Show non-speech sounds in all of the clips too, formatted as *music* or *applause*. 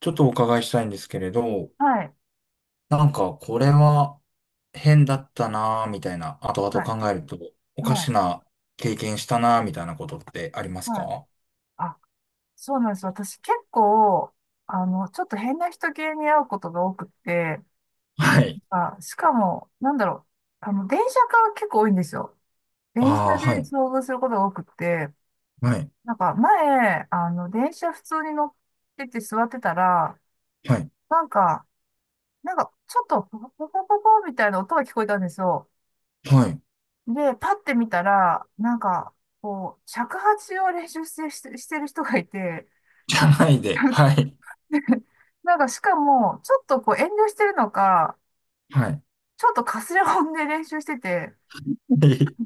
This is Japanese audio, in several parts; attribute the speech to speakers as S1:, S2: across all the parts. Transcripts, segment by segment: S1: ちょっとお伺いしたいんですけれど、
S2: はい、
S1: なんかこれは変だったなぁみたいな、後々
S2: はい、
S1: 考えるとおか
S2: は
S1: し
S2: い、
S1: な経験したなぁみたいなことってあります
S2: はい。
S1: か？
S2: あ、そうなんです。私結構、ちょっと変な人系に会うことが多くって、
S1: はい。
S2: あ、しかも、なんだろう、電車が結構多いんですよ。電車
S1: ああー、
S2: で
S1: はい、
S2: 遭遇することが多くって、
S1: はい、
S2: なんか前、電車普通に乗ってて座ってたら、
S1: はい、
S2: なんか、なんか、ちょっとポコポコポコみたいな音が聞こえたんですよ。
S1: はい、
S2: で、パッて見たら、なんか、こう、尺八を練習してる人がいて、
S1: じゃない
S2: *laughs*
S1: で。
S2: なん
S1: はい。
S2: *laughs* なんかしかも、ちょっとこう遠慮してるのか、
S1: はい。
S2: ちょっとかすれ音で練習してて、
S1: はい。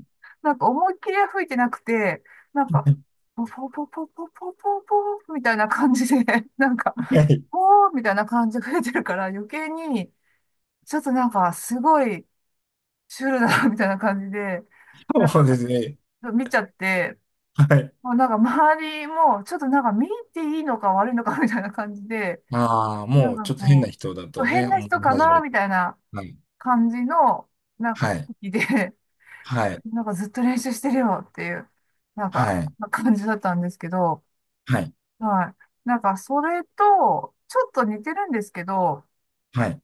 S2: なんか思いっきりは吹いてなくて、なんか、ポポポポポポポポみたいな感じで、*laughs* なんか、
S1: はい。
S2: ポーみたいな感じで吹いてるから余計に、ちょっとなんかすごいシュールだな、みたいな感じで、なん
S1: そうで
S2: か
S1: すね。
S2: 見ちゃって、
S1: はい。
S2: もうなんか周りも、ちょっとなんか見ていいのか悪いのかみたいな感じで、
S1: ああ、
S2: なん
S1: もう
S2: か
S1: ちょっと変な
S2: こう、
S1: 人だ
S2: そう
S1: とね、
S2: 変な
S1: 思い
S2: 人か
S1: 始
S2: な、
S1: めて。
S2: みたいな。
S1: はい、
S2: 感じの、なんか、
S1: は
S2: 空
S1: い、
S2: 気で、
S1: は
S2: *laughs*
S1: い、
S2: なんかずっと練習してるよっていう、なんか、
S1: はい、
S2: 感じだったんですけど、
S1: はい、
S2: はい。なんか、それと、ちょっと似てるんですけど、
S1: はい、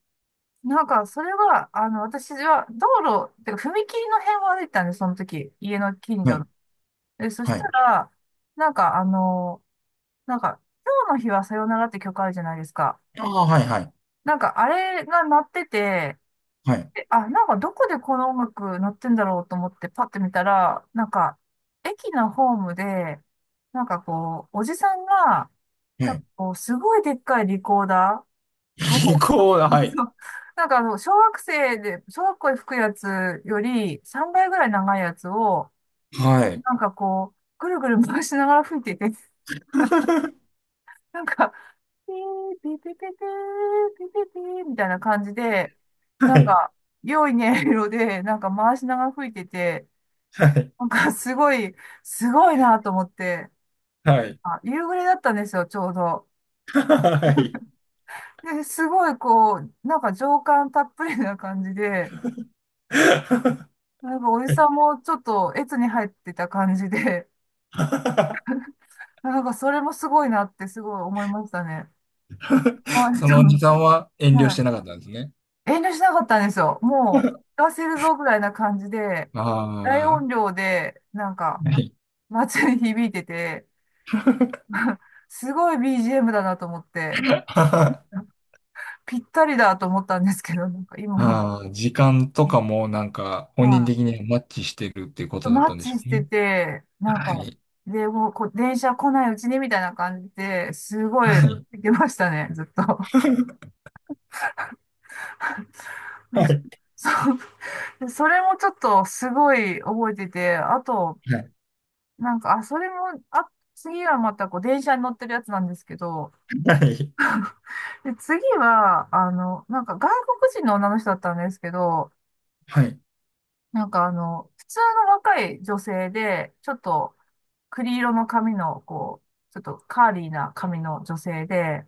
S2: なんか、それは、私は、道路、てか、踏切の辺を歩いてたんで、その時、家の近
S1: は
S2: 所
S1: い、
S2: の。で、そし
S1: は
S2: た
S1: い。
S2: ら、なんか、なんか、今日の日はさよならって曲あるじゃないですか。
S1: ああ、はい、はい、
S2: なんか、あれが鳴ってて、
S1: はい、
S2: えあ、なんかどこでこの音楽鳴ってんだろうと思ってパッて見たら、なんか駅のホームで、なんかこう、おじさんが、
S1: は
S2: なんか
S1: い、
S2: こう、すごいでっかいリコーダー
S1: *laughs* リ
S2: を、
S1: コー
S2: *laughs*
S1: ダー、はい。
S2: そうなんか小学生で、小学校で吹くやつより3倍ぐらい長いやつを、
S1: はい。
S2: なんかこう、ぐるぐる回しながら吹いてて、なんか、ピー、ピーピーピーピー、ピーピーピーみたいな感じで、
S1: は
S2: なん
S1: い。
S2: か、良い音色で、なんか回しながら吹いてて、
S1: はい。
S2: なんかすごい、すごいなと思って、
S1: はい。
S2: あ、夕暮れだったんですよ、ちょうど。
S1: はい。
S2: で、すごいこう、なんか情感たっぷりな感じで、なんかおじ
S1: はい。
S2: さんもちょっと越に入ってた感じで、*laughs* なんかそれもすごいなってすごい思いましたね。あ、
S1: そ
S2: ち
S1: のお
S2: ょ
S1: じ
S2: っ
S1: さんは遠
S2: と、
S1: 慮し
S2: は
S1: てなかったんですね。
S2: い。遠慮しなかったんですよ。も
S1: *laughs*
S2: う、聞かせるぞぐらいな感じで、大
S1: あ
S2: 音量で、なんか、
S1: あ、はい。
S2: 街に響いてて、*laughs* すごい BGM だなと思って。
S1: あ
S2: ぴったりだと思ったんですけど、なんか今の、
S1: あ、時間とかもなんか
S2: ま
S1: 本人的にはマッチしてるっていうこ
S2: あ、
S1: とだっ
S2: マッ
S1: たんで
S2: チ
S1: しょ
S2: し
S1: う
S2: て
S1: ね。
S2: て、なん
S1: は
S2: か、
S1: い。
S2: でもうこう、電車来ないうちにみたいな感じで、すごい、
S1: はい。
S2: 行きましたね、ずっと。*laughs*
S1: は
S2: そう。それもちょっとすごい覚えてて、あと、
S1: い。
S2: なんか、あ、それも、あ、次はまたこう、電車に乗ってるやつなんですけど、
S1: はい。
S2: で、次は、なんか外国人の女の人だったんですけど、
S1: はい。
S2: なんか普通の若い女性で、ちょっと、栗色の髪の、こう、ちょっとカーリーな髪の女性で、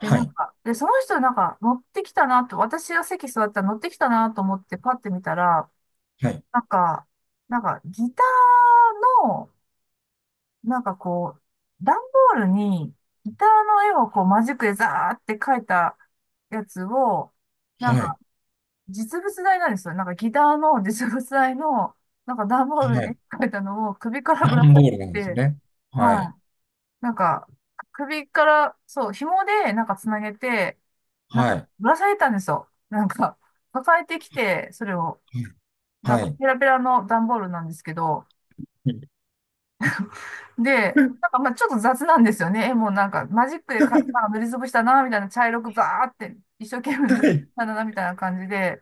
S2: で、なん
S1: い。
S2: か、で、その人なんか乗ってきたなと、私が席座ったら乗ってきたなと思ってパッて見たら、
S1: はい。
S2: なんか、なんかギターの、なんかこう、段ボールにギターの絵をこうマジックでザーって描いたやつを、なん
S1: はい。
S2: か実物大なんですよ。なんかギターの実物大の、なんか段ボール
S1: は
S2: に絵
S1: い。
S2: 描いたのを首からぶら
S1: 段
S2: 下
S1: ボ
S2: げ
S1: ールなんです
S2: てて、
S1: ね。は
S2: は
S1: い。
S2: い。なんか、首から、そう、紐で、なんかつなげて、なん
S1: は
S2: か、
S1: い。
S2: ぶら下げたんですよ。なんか、抱えてきて、それを、
S1: は
S2: なん
S1: い。は
S2: か、
S1: い。
S2: ペラペラの段ボールなんですけど、で、なんか、まあちょっと雑なんですよね。絵もなんか、マジックでか、なんか塗りつぶしたな、みたいな、茶色くザーって、一生懸命
S1: は
S2: 塗っ
S1: い。
S2: たな、みたいな感じで、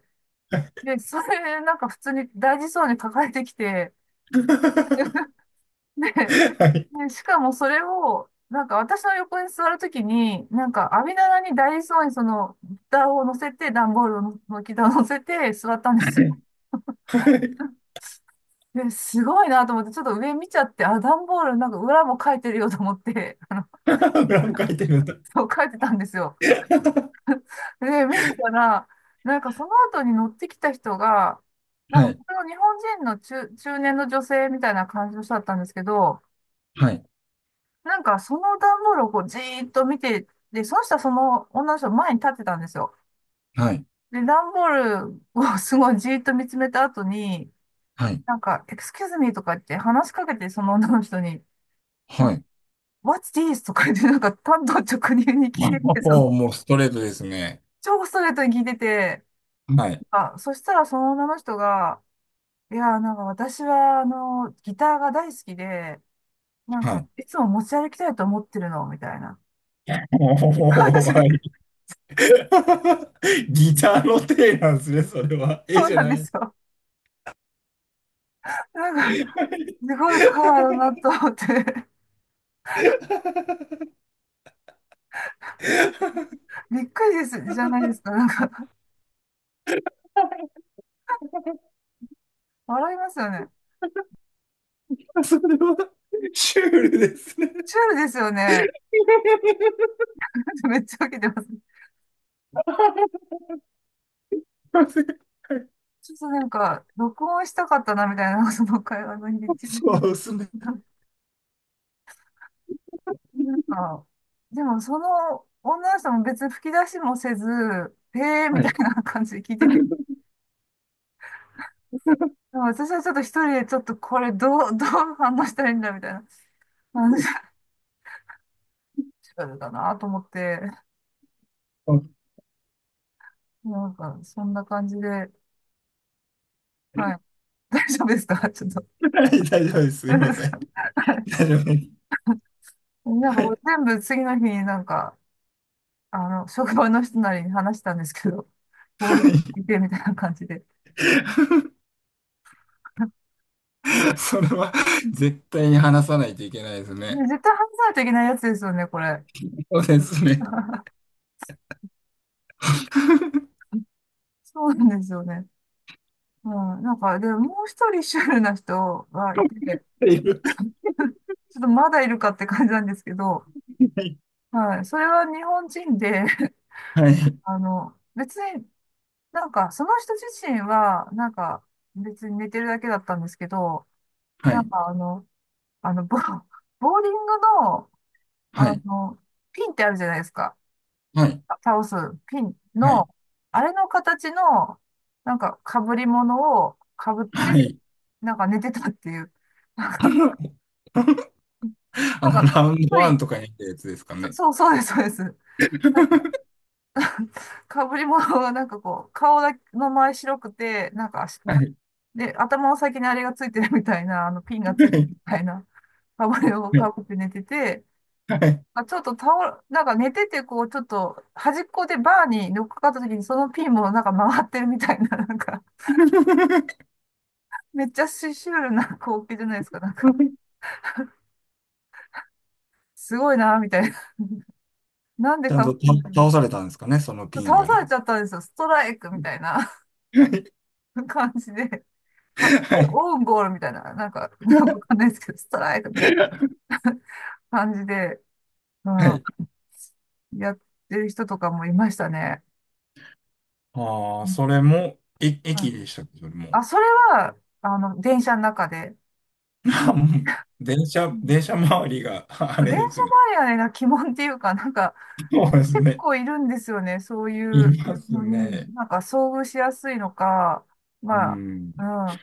S2: で、それ、なんか、普通に大事そうに抱えてきて、で、
S1: はい。
S2: ねしかもそれを、なんか私の横に座るときに、なんか網棚にダイソーにその、蓋を乗せて、段ボールの板を乗せて座ったんですよ。
S1: はい。
S2: で、すごいなと思って、ちょっと上見ちゃって、あ、段ボールなんか裏も書いてるよと思って、*laughs* あの、
S1: 裏も書いてるんだ。
S2: そう書いてたんですよ。で、見てたら、なんかその後に乗ってきた人が、なん
S1: は
S2: か
S1: い。
S2: 僕の日本人の中年の女性みたいな感じの人だったんですけど、
S1: はい。
S2: なんかその段ボールをこうじーっと見て、で、その人はその女の人の前に立ってたんですよ。
S1: はい。
S2: で、段ボールをすごいじーっと見つめた後に、
S1: はい。
S2: なんか、エクスキューズミーとか言って話しかけて、その女の人に、なん
S1: は
S2: か
S1: い。
S2: What's this? とか言って、なんか、単刀直入に聞いてて、その、
S1: おー、もうストレートですね。
S2: 超ストレートに聞いてて、
S1: はい。
S2: あ、そしたらその女の人が、いや、なんか私は、ギターが大好きで、なん
S1: は
S2: か、
S1: い。
S2: いつも持ち歩きたいと思ってるの、みたいな感
S1: おー、
S2: じで。
S1: はい。*laughs* ギターの手なんですね、それは。絵
S2: そう
S1: じゃ
S2: なん
S1: な
S2: で
S1: い。はい。
S2: すよ。なんか、すごい会話だなと思って、びっくりです、じゃないですか。なんか、笑いますよね。
S1: それは、シュールですね。
S2: チュールですよね。*laughs* めっちゃ受けてます。
S1: そ
S2: ちょっとなんか、録音したかったな、みたいな、*laughs* その会話の日り口な。
S1: うですね。
S2: んか、でもその女の人も別に吹き出しもせず、へえーみ
S1: は
S2: たい
S1: い。
S2: な感じで聞いてて。でも私はちょっと一人でちょっとこれどう反応したらいいんだ、みたいな。話がチュールだなと思って、
S1: はい。
S2: なんか、そんな感じで、はい。大丈夫ですかちょっと。
S1: 大丈夫です。
S2: *laughs*
S1: すい
S2: 大丈夫
S1: ま
S2: です
S1: せ
S2: か
S1: ん。
S2: はい
S1: 大丈夫です。
S2: なんか全部次の日になんか、職場の人なりに話したんですけど、*laughs* こう
S1: は
S2: 言ってみたいな感じで。*laughs*
S1: い。*laughs* それは絶対に話さないといけないですね。
S2: ね絶対話さないといけないやつですよね、これ。
S1: そうですね。
S2: *laughs*
S1: *laughs* っ
S2: そうなんですよね。うん、なんか、で、もう一人シュールな人がいて、
S1: ていう。
S2: *laughs* ちょっとまだいるかって感じなんですけど、
S1: はい。
S2: はい、それは日本人で、*laughs* 別になんか、その人自身は、なんか、別に寝てるだけだったんですけど、
S1: は
S2: なん
S1: い。
S2: かあの、ボ、ボーリングの、
S1: は
S2: あ
S1: い。
S2: の、ピンってあるじゃないですか。
S1: はい。
S2: あ倒すピン
S1: は
S2: の、
S1: い。
S2: あれの形の、なんか被り物を被っ
S1: は
S2: て、
S1: い。
S2: なんか寝てたっていう。なんか、
S1: *laughs* あ
S2: なん
S1: の、
S2: か、
S1: ラウンド
S2: 一
S1: ワン
S2: 人、
S1: とかに行ったやつですかね。
S2: そう、そうです、そうです。なんか、被り物がなんかこう、顔だけの前白くて、なんかし、
S1: はい。
S2: で、頭の先にあれがついてるみたいな、ピンがついてるみたいな、被りを
S1: は
S2: 被
S1: い。
S2: って寝てて、
S1: はい。
S2: まあちょっと倒れ、なんか寝てて、こう、ちょっと端っこでバーに乗っかかった時に、そのピンもなんか回ってるみたいな、なんか、めっちゃシュールな光景じゃないですか、なんか、すごいな、みたいな。なんで
S1: ちゃん
S2: か、
S1: と倒されたんですかね、そのピン
S2: 倒
S1: が
S2: され
S1: ね。
S2: ちゃったんですよ、ストライクみたいな
S1: はい。
S2: *laughs* 感じで。か、
S1: はい。
S2: オウンゴールみたいな、なんか、なんかわかんないですけど、ストライクみたいな *laughs* 感じで、う
S1: は
S2: ん、
S1: い。
S2: やってる人とかもいましたね。
S1: あ
S2: う
S1: あ、
S2: ん
S1: それも、え、
S2: はい
S1: 駅でしたけども。
S2: あ、それは、電車の中で。
S1: あ、もう *laughs* 電車周りが、ああ、
S2: 電
S1: れ
S2: 車
S1: ですね。
S2: マニアな鬼門っていうか、なんか、
S1: そうです
S2: 結
S1: ね。
S2: 構いるんですよね、そうい
S1: い
S2: う
S1: ます
S2: のに、
S1: ね。
S2: なんか遭遇しやすいのか、
S1: う
S2: ま
S1: ん。
S2: あ、うん。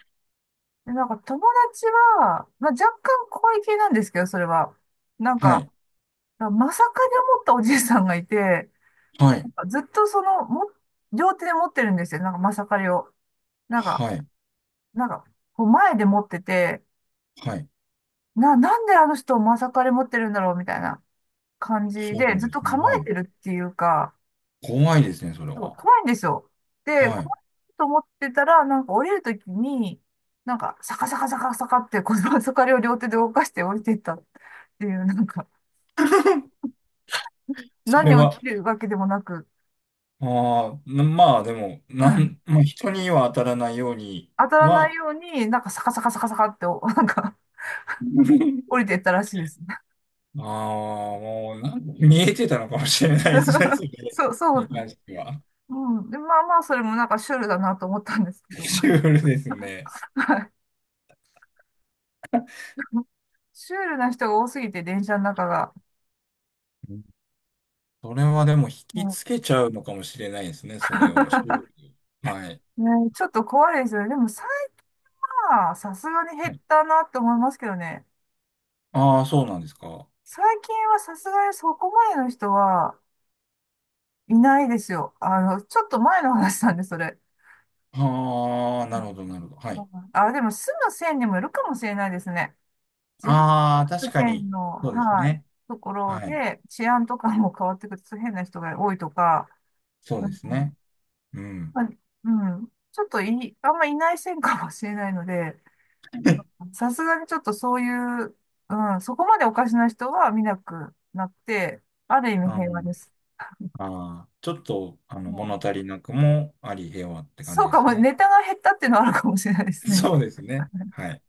S2: で、なんか友達は、まあ若干怖い系なんですけど、それは。なん
S1: は
S2: か、
S1: い。
S2: まさかに思ったおじいさんがいて、
S1: は
S2: な
S1: い。
S2: んかずっとその、も、両手で持ってるんですよ、なんかまさかりを。なんか、
S1: はい。
S2: なんか、こう前で持ってて、
S1: はい。
S2: なんであの人まさかり持ってるんだろうみたいな感じ
S1: そ
S2: で、
S1: う
S2: ず
S1: で
S2: っと
S1: すね。
S2: 構
S1: は
S2: え
S1: い。
S2: てるっていうか、
S1: 怖いですね、それ
S2: そう、
S1: は。
S2: 怖いんですよ。で、
S1: はい。
S2: 怖いと思ってたら、なんか降りるときに、なんか、サカサカサカサカって、この *laughs* そかりを両手で動かして降りていったっていう、なんか、
S1: *laughs* それ
S2: 何を
S1: は、
S2: 切るわけでもなく、
S1: ああ、な、まあでも、
S2: う
S1: な
S2: ん
S1: ん、まあ人には当たらないように
S2: 当たらない
S1: は、
S2: ように、なんかサカサカサカサカって、おなんか、
S1: *laughs*
S2: 降りていったらしいですね。
S1: ああ、もうなん見えてたのかもしれないですね、そ
S2: *laughs*
S1: れ
S2: そう、そ
S1: に
S2: う。
S1: 関しては。
S2: うん。で、まあまあ、それもなんかシュールだなと思ったんですけど、な
S1: シ
S2: ん
S1: ュ
S2: か、
S1: ールですね。
S2: はいシュールな人が多すぎて、電車の中が。
S1: うん。それはでも引き
S2: うん
S1: つけちゃうのかもしれないですね、それを。シュール
S2: *laughs*
S1: に、はい。
S2: ね、ちょっと怖いですよね。でも、まあ、さすがに減
S1: は
S2: っ
S1: い。
S2: たなって思いますけどね。
S1: ああ、そうなんですか。
S2: 最近はさすがにそこまでの人はいないですよ。ちょっと前の話なんで、それ。
S1: ああ、なるほど、なるほど。は
S2: う
S1: い。
S2: んあ、でも住む線にもいるかもしれないですね。自分
S1: ああ、
S2: の
S1: 確か
S2: 線
S1: に。
S2: の、
S1: そうです
S2: はい、
S1: ね。
S2: ところ
S1: はい。
S2: で治安とかも変わってくると変な人が多いとか、
S1: そう
S2: う
S1: で
S2: ん、
S1: すね。うん。
S2: まあうん、ちょっとい、あんまいない線かもしれないので、さすがにちょっとそういう、うん、そこまでおかしな人は見なくなって、ある意味
S1: あ
S2: 平和
S1: の、
S2: です。
S1: あー、ちょっと、あの、
S2: もう
S1: 物
S2: ん
S1: 足りなくもあり、平和って感
S2: そ
S1: じ
S2: う
S1: で
S2: か
S1: す
S2: も、
S1: ね。
S2: ネタが減ったっていうのはあるかもしれないで
S1: *laughs*
S2: すね。
S1: そうですね。
S2: *laughs*
S1: はい。